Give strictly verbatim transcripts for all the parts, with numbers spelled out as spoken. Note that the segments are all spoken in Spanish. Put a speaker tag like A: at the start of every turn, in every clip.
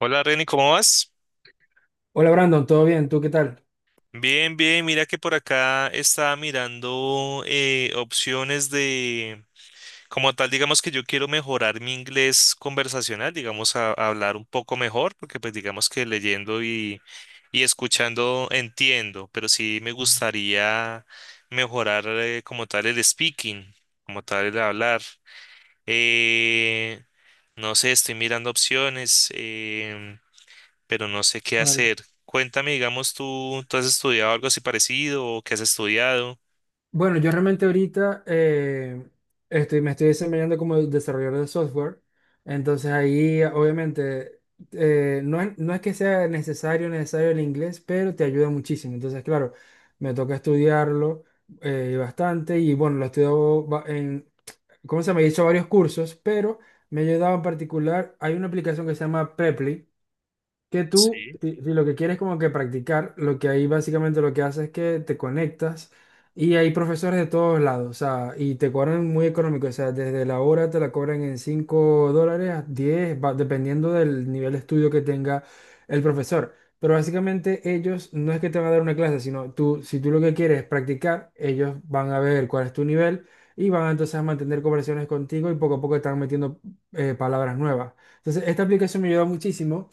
A: Hola Reni, ¿cómo vas?
B: Hola Brandon, ¿todo bien? ¿Tú qué tal?
A: Bien, bien, mira que por acá estaba mirando eh, opciones de, como tal, digamos que yo quiero mejorar mi inglés conversacional, digamos, a, a hablar un poco mejor, porque pues digamos que leyendo y, y escuchando entiendo, pero sí me gustaría mejorar eh, como tal el speaking, como tal el hablar. Eh, no sé, estoy mirando opciones. Em, pero no sé qué
B: Vale.
A: hacer. Cuéntame, digamos, ¿tú, tú has estudiado algo así parecido o qué has estudiado?
B: Bueno, yo realmente ahorita eh, estoy, me estoy desempeñando como desarrollador de software, entonces ahí obviamente eh, no es, no es que sea necesario, necesario el inglés, pero te ayuda muchísimo. Entonces, claro, me toca estudiarlo eh, bastante y bueno, lo estudio ba- en, ¿cómo se llama? He hecho varios cursos, pero me ha ayudado en particular, hay una aplicación que se llama Preply, que tú,
A: Sí,
B: si, si lo que quieres como que practicar, lo que ahí básicamente lo que hace es que te conectas y hay profesores de todos lados, o sea, y te cobran muy económico, o sea, desde la hora te la cobran en cinco dólares a diez va, dependiendo del nivel de estudio que tenga el profesor. Pero básicamente ellos no es que te van a dar una clase, sino tú, si tú lo que quieres es practicar, ellos van a ver cuál es tu nivel y van entonces a mantener conversaciones contigo y poco a poco están metiendo eh, palabras nuevas. Entonces, esta aplicación me ayuda muchísimo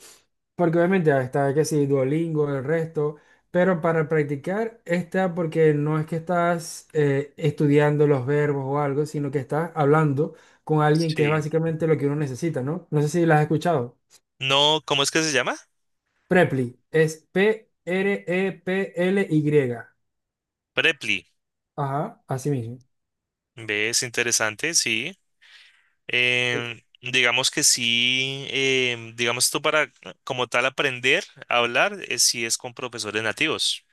B: porque obviamente ah, está que sí, Duolingo, el resto, pero para practicar está porque no es que estás eh, estudiando los verbos o algo, sino que estás hablando con alguien que es
A: sí.
B: básicamente lo que uno necesita, ¿no? No sé si las has escuchado.
A: No, ¿cómo es que se llama?
B: Preply, es P R E P L Y.
A: Preply.
B: Ajá, así mismo.
A: ¿Ves? Interesante, sí. Em, digamos que sí, em, digamos tú para como tal aprender a hablar, eh, sí es con profesores nativos.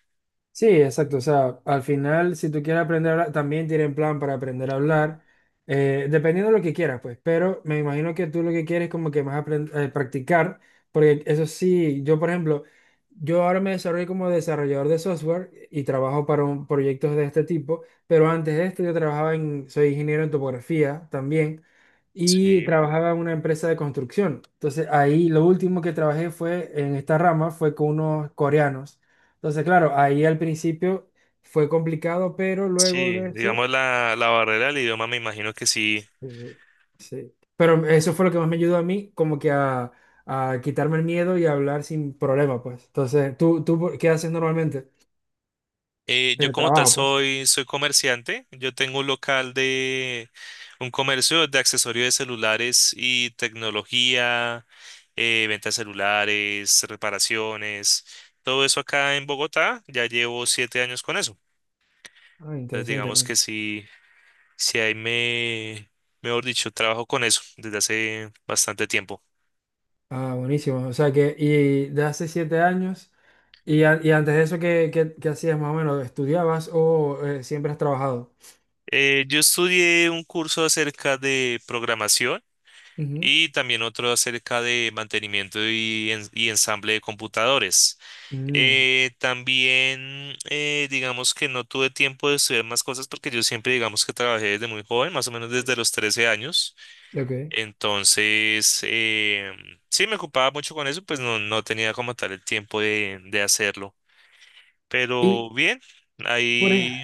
B: Sí, exacto. O sea, al final, si tú quieres aprender a hablar, también tienen plan para aprender a hablar, eh, dependiendo de lo que quieras, pues. Pero me imagino que tú lo que quieres es como que más aprend- eh, practicar, porque eso sí, yo, por ejemplo, yo ahora me desarrollo como desarrollador de software y trabajo para un, proyectos de este tipo, pero antes de esto yo trabajaba en, soy ingeniero en topografía también y
A: Sí.
B: trabajaba en una empresa de construcción. Entonces, ahí lo último que trabajé fue en esta rama, fue con unos coreanos. Entonces, claro, ahí al principio fue complicado, pero luego
A: Sí,
B: de eso,
A: digamos la, la barrera del idioma me imagino que sí.
B: uh, sí. Pero eso fue lo que más me ayudó a mí, como que a, a quitarme el miedo y a hablar sin problema, pues. Entonces, ¿tú, tú qué haces normalmente?
A: Eh,
B: En
A: yo
B: el
A: como tal
B: trabajo, pues.
A: soy, soy comerciante. Yo tengo un local de un comercio de accesorios de celulares y tecnología, eh, ventas de celulares, reparaciones, todo eso acá en Bogotá. Ya llevo siete años con eso.
B: Ah,
A: Entonces
B: interesante.
A: digamos
B: bueno.
A: que sí, sí ahí me, mejor dicho, trabajo con eso desde hace bastante tiempo.
B: Ah, buenísimo. O sea que, y de hace siete años, y, a- y antes de eso, ¿qué, qué- qué hacías más o menos? ¿Estudiabas o eh, siempre has trabajado?
A: Eh, yo estudié un curso acerca de programación
B: Ujú.
A: y también otro acerca de mantenimiento y, en- y ensamble de computadores.
B: Mm,
A: Eh, también, eh, digamos que no tuve tiempo de estudiar más cosas porque yo siempre, digamos que trabajé desde muy joven, más o menos desde los trece años.
B: ok.
A: Entonces, eh, sí, me ocupaba mucho con eso, pues no, no tenía como tal el tiempo de, de hacerlo. Pero
B: Y
A: bien,
B: por, ej-
A: ahí,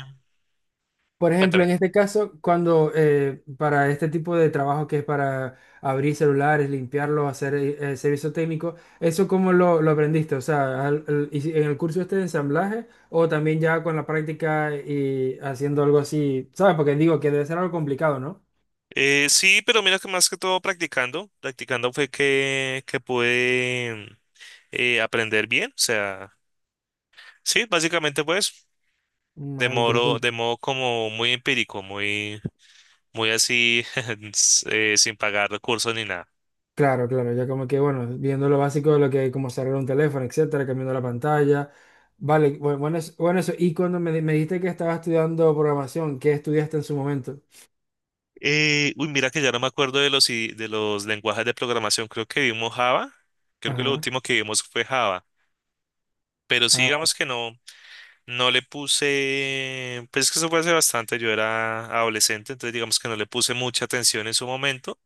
B: por ejemplo,
A: cuéntame.
B: en este caso, cuando eh, para este tipo de trabajo que es para abrir celulares, limpiarlos, hacer eh, eh, servicio técnico, ¿eso cómo lo, lo aprendiste? O sea, al- al- y si- ¿en el curso este de ensamblaje o también ya con la práctica y haciendo algo así? ¿Sabes? Porque digo que debe ser algo complicado, ¿no?
A: Eh, sí, pero mira que más que todo practicando, practicando fue que, que pude eh, aprender bien. O sea, sí, básicamente pues de
B: Mal
A: modo,
B: interesante.
A: de modo como muy empírico, muy, muy así, s- eh, sin pagar recursos ni nada.
B: Claro, claro, ya como que, bueno, viendo lo básico de lo que, hay, como cerrar un teléfono, etcétera, cambiando la pantalla. Vale, bu- bueno, eso- bueno, eso. Y cuando me, di- me dijiste que estabas estudiando programación, ¿qué estudiaste en su momento?
A: Eh, uy, mira que ya no me acuerdo de los, i- de los lenguajes de programación. Creo que vimos Java. Creo que lo
B: Ajá.
A: último que vimos fue Java. Pero sí,
B: Ah,
A: digamos que no, no le puse, pues es que eso fue hace bastante, yo era adolescente, entonces digamos que no le puse mucha atención en su momento.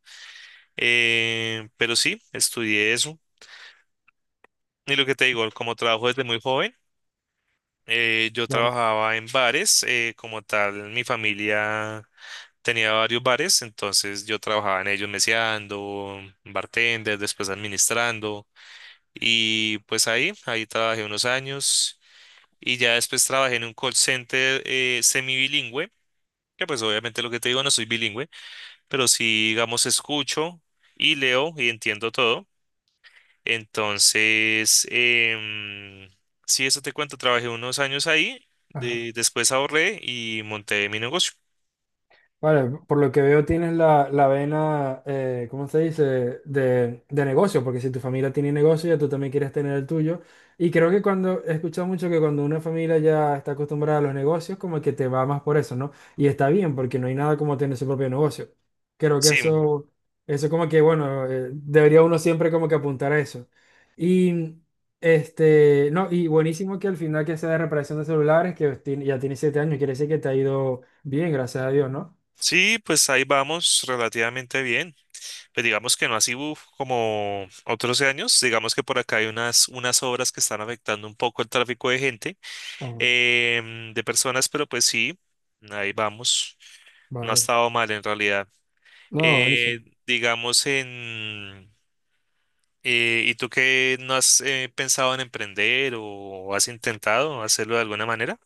A: Eh, pero sí, estudié eso. Y lo que te digo, como trabajo desde muy joven, Eh, yo
B: claro.
A: trabajaba en bares, eh, como tal, mi familia tenía varios bares, entonces yo trabajaba en ellos meseando, bartender, después administrando, y pues ahí, ahí trabajé unos años, y ya después trabajé en un call center eh, semibilingüe, que pues obviamente lo que te digo no soy bilingüe, pero sí, digamos, escucho y leo y entiendo todo. Entonces, em, sí, eso te cuento, trabajé unos años ahí,
B: Ajá.
A: de- después ahorré y monté mi negocio.
B: Vale, por lo que veo tienes la, la vena, eh, ¿cómo se dice? De, de negocio, porque si tu familia tiene negocio, ya tú también quieres tener el tuyo. Y creo que cuando, he escuchado mucho que cuando una familia ya está acostumbrada a los negocios, como que te va más por eso, ¿no? Y está bien, porque no hay nada como tener su propio negocio. Creo que
A: Sí,
B: eso, eso como que, bueno, eh, debería uno siempre como que apuntar a eso. Y, este, no, y buenísimo que al final que sea de reparación de celulares, que tiene- ya tiene siete años, quiere decir que te ha ido bien, gracias a Dios, ¿no?
A: sí, pues ahí vamos relativamente bien. Pues digamos que no así uf, como otros años, digamos que por acá hay unas, unas obras que están afectando un poco el tráfico de gente,
B: Ah,
A: em, de personas, pero pues sí, ahí vamos. No ha
B: vale.
A: estado mal en realidad.
B: No, buenísimo.
A: Eh, digamos en... Eh, ¿y tú qué no has eh, pensado en emprender o has intentado hacerlo de alguna manera?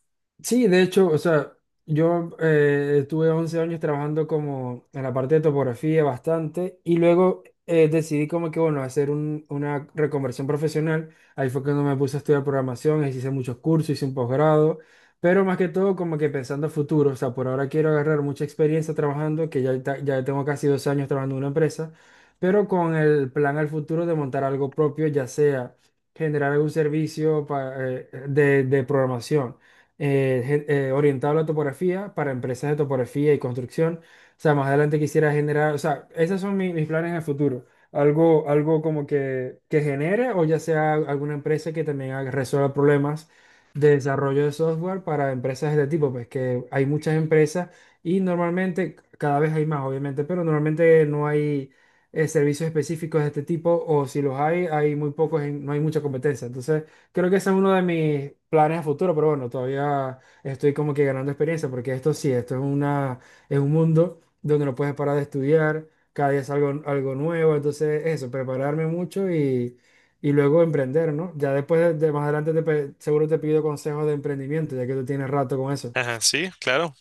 B: Sí, de hecho, o sea, yo eh, estuve once años trabajando como en la parte de topografía bastante y luego eh, decidí como que, bueno, hacer un- una reconversión profesional. Ahí fue cuando me puse a estudiar programación, ahí sí hice muchos cursos, hice un posgrado, pero más que todo como que pensando a futuro, o sea, por ahora quiero agarrar mucha experiencia trabajando, que ya, ta- ya tengo casi dos años trabajando en una empresa, pero con el plan al futuro de montar algo propio, ya sea generar algún servicio pa- eh, de de programación eh, gen- eh, orientado a la topografía para empresas de topografía y construcción. O sea, más adelante quisiera generar, o sea, esos son mi- mis planes en el futuro. Algo, algo como que, que, genere o ya sea alguna empresa que también haga- resuelva problemas de desarrollo de software para empresas de este tipo, pues que hay muchas empresas y normalmente cada vez hay más, obviamente, pero normalmente no hay eh, servicios específicos de este tipo o si los hay, hay muy pocos, en- no hay mucha competencia. Entonces, Creo que ese es uno de mis planes a futuro, pero bueno, todavía estoy como que ganando experiencia, porque esto sí, esto es una, es un mundo donde no puedes parar de estudiar, cada día es algo, algo nuevo, entonces eso, prepararme mucho y, y luego emprender, ¿no? Ya después de, de más adelante te pe- seguro te pido consejos de emprendimiento, ya que tú tienes rato con eso.
A: Ajá, sí, claro.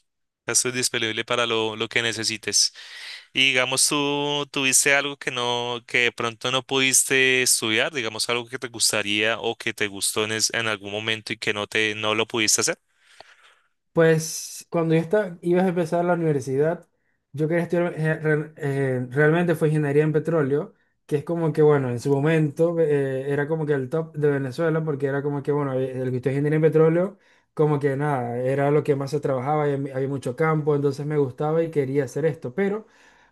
A: Esto es disponible para lo, lo que necesites. Y digamos, tú tuviste algo que no, que de pronto no pudiste estudiar, digamos, algo que te gustaría o que te gustó en, es- en algún momento y que no te, no lo pudiste hacer.
B: Pues cuando yo estaba, ibas a empezar la universidad, yo quería estudiar, eh, re- eh, realmente fue ingeniería en petróleo, que es como que, bueno, en su momento eh, era como que el top de Venezuela, porque era como que, bueno, eh, el que estudia ingeniería en petróleo, como que nada, era lo que más se trabajaba, y había había mucho campo, entonces me gustaba y quería hacer esto, pero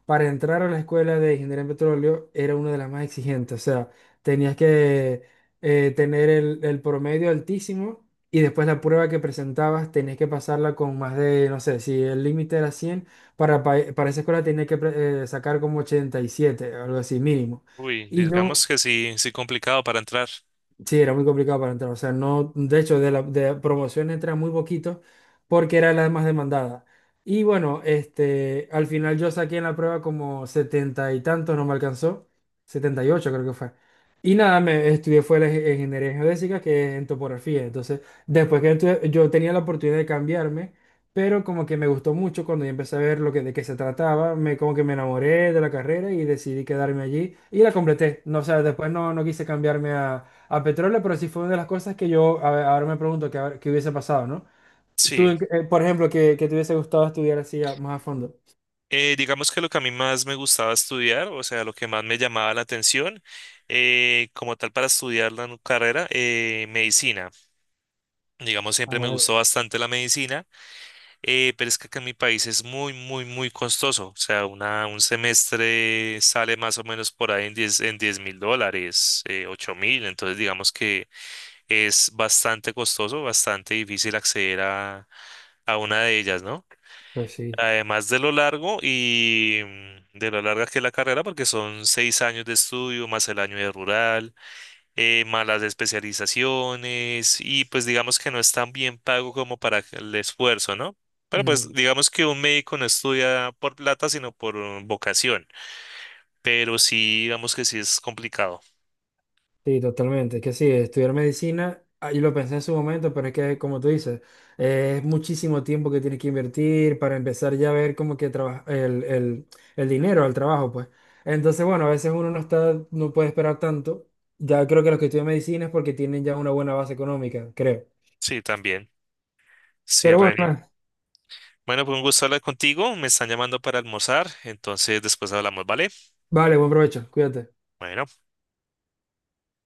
B: para entrar a la escuela de ingeniería en petróleo era una de las más exigentes, o sea, tenías que eh, tener el el promedio altísimo y después la prueba que presentabas tenés que pasarla con más de, no sé, si el límite era cien para, pa- para esa escuela tenés que pre- eh, sacar como ochenta y siete algo así mínimo.
A: Uy,
B: Y yo
A: digamos que sí, sí complicado para entrar.
B: Sí, era muy complicado para entrar. O sea, no, de hecho, de la de promoción entra muy poquito porque era la más demandada. Y bueno, este, al final yo saqué en la prueba como setenta y tantos, no me alcanzó. setenta y ocho creo que fue. Y nada, me estudié fue la ing- ingeniería geodésica, que es en topografía. Entonces, después que estudié- yo tenía la oportunidad de cambiarme, pero como que me gustó mucho cuando yo empecé a ver lo que, de qué se trataba, me, como que me enamoré de la carrera y decidí quedarme allí y la completé. No, o sea, después no, no quise cambiarme a petróleo, pero sí fue una de las cosas que yo a ver, ahora me pregunto qué habrá- qué hubiese pasado, ¿no? Tú,
A: Sí.
B: en eh, por ejemplo, que, que te hubiese gustado estudiar así a- más a fondo.
A: Eh, digamos que lo que a mí más me gustaba estudiar, o sea, lo que más me llamaba la atención, eh, como tal para estudiar la nu- carrera, eh, medicina. Digamos,
B: Ah,
A: siempre me
B: bueno,
A: gustó bastante la medicina, eh, pero es que acá en mi país es muy, muy, muy costoso. O sea, una, un semestre sale más o menos por ahí en diez en diez mil dólares, eh, 8 mil. Entonces, digamos que es bastante costoso, bastante difícil acceder a, a una de ellas, ¿no?
B: pues sí.
A: Además de lo largo y mm, de lo larga que es la carrera, porque son seis años de estudio, más el año de rural, eh, más las especializaciones, y pues digamos que no es tan bien pago como para el esfuerzo, ¿no? Pero
B: Mm,
A: pues digamos que un médico no estudia por plata, sino por mm, vocación, pero sí, digamos que sí es complicado.
B: sí, totalmente. Que sí, estudiar medicina, ah, yo lo pensé en su momento, pero es que, como tú dices, eh, es muchísimo tiempo que tienes que invertir para empezar ya a ver como que traba- el, el, el dinero al trabajo, pues. Entonces, bueno, a veces uno no está, no puede esperar tanto. Ya creo que los que estudian medicina es porque tienen ya una buena base económica, creo.
A: Sí, también. Sí,
B: Pero
A: re
B: bueno.
A: bien. Bueno, pues un gusto hablar contigo. Me están llamando para almorzar, entonces después hablamos, ¿vale?
B: Vale, buen provecho, cuídate.
A: Bueno.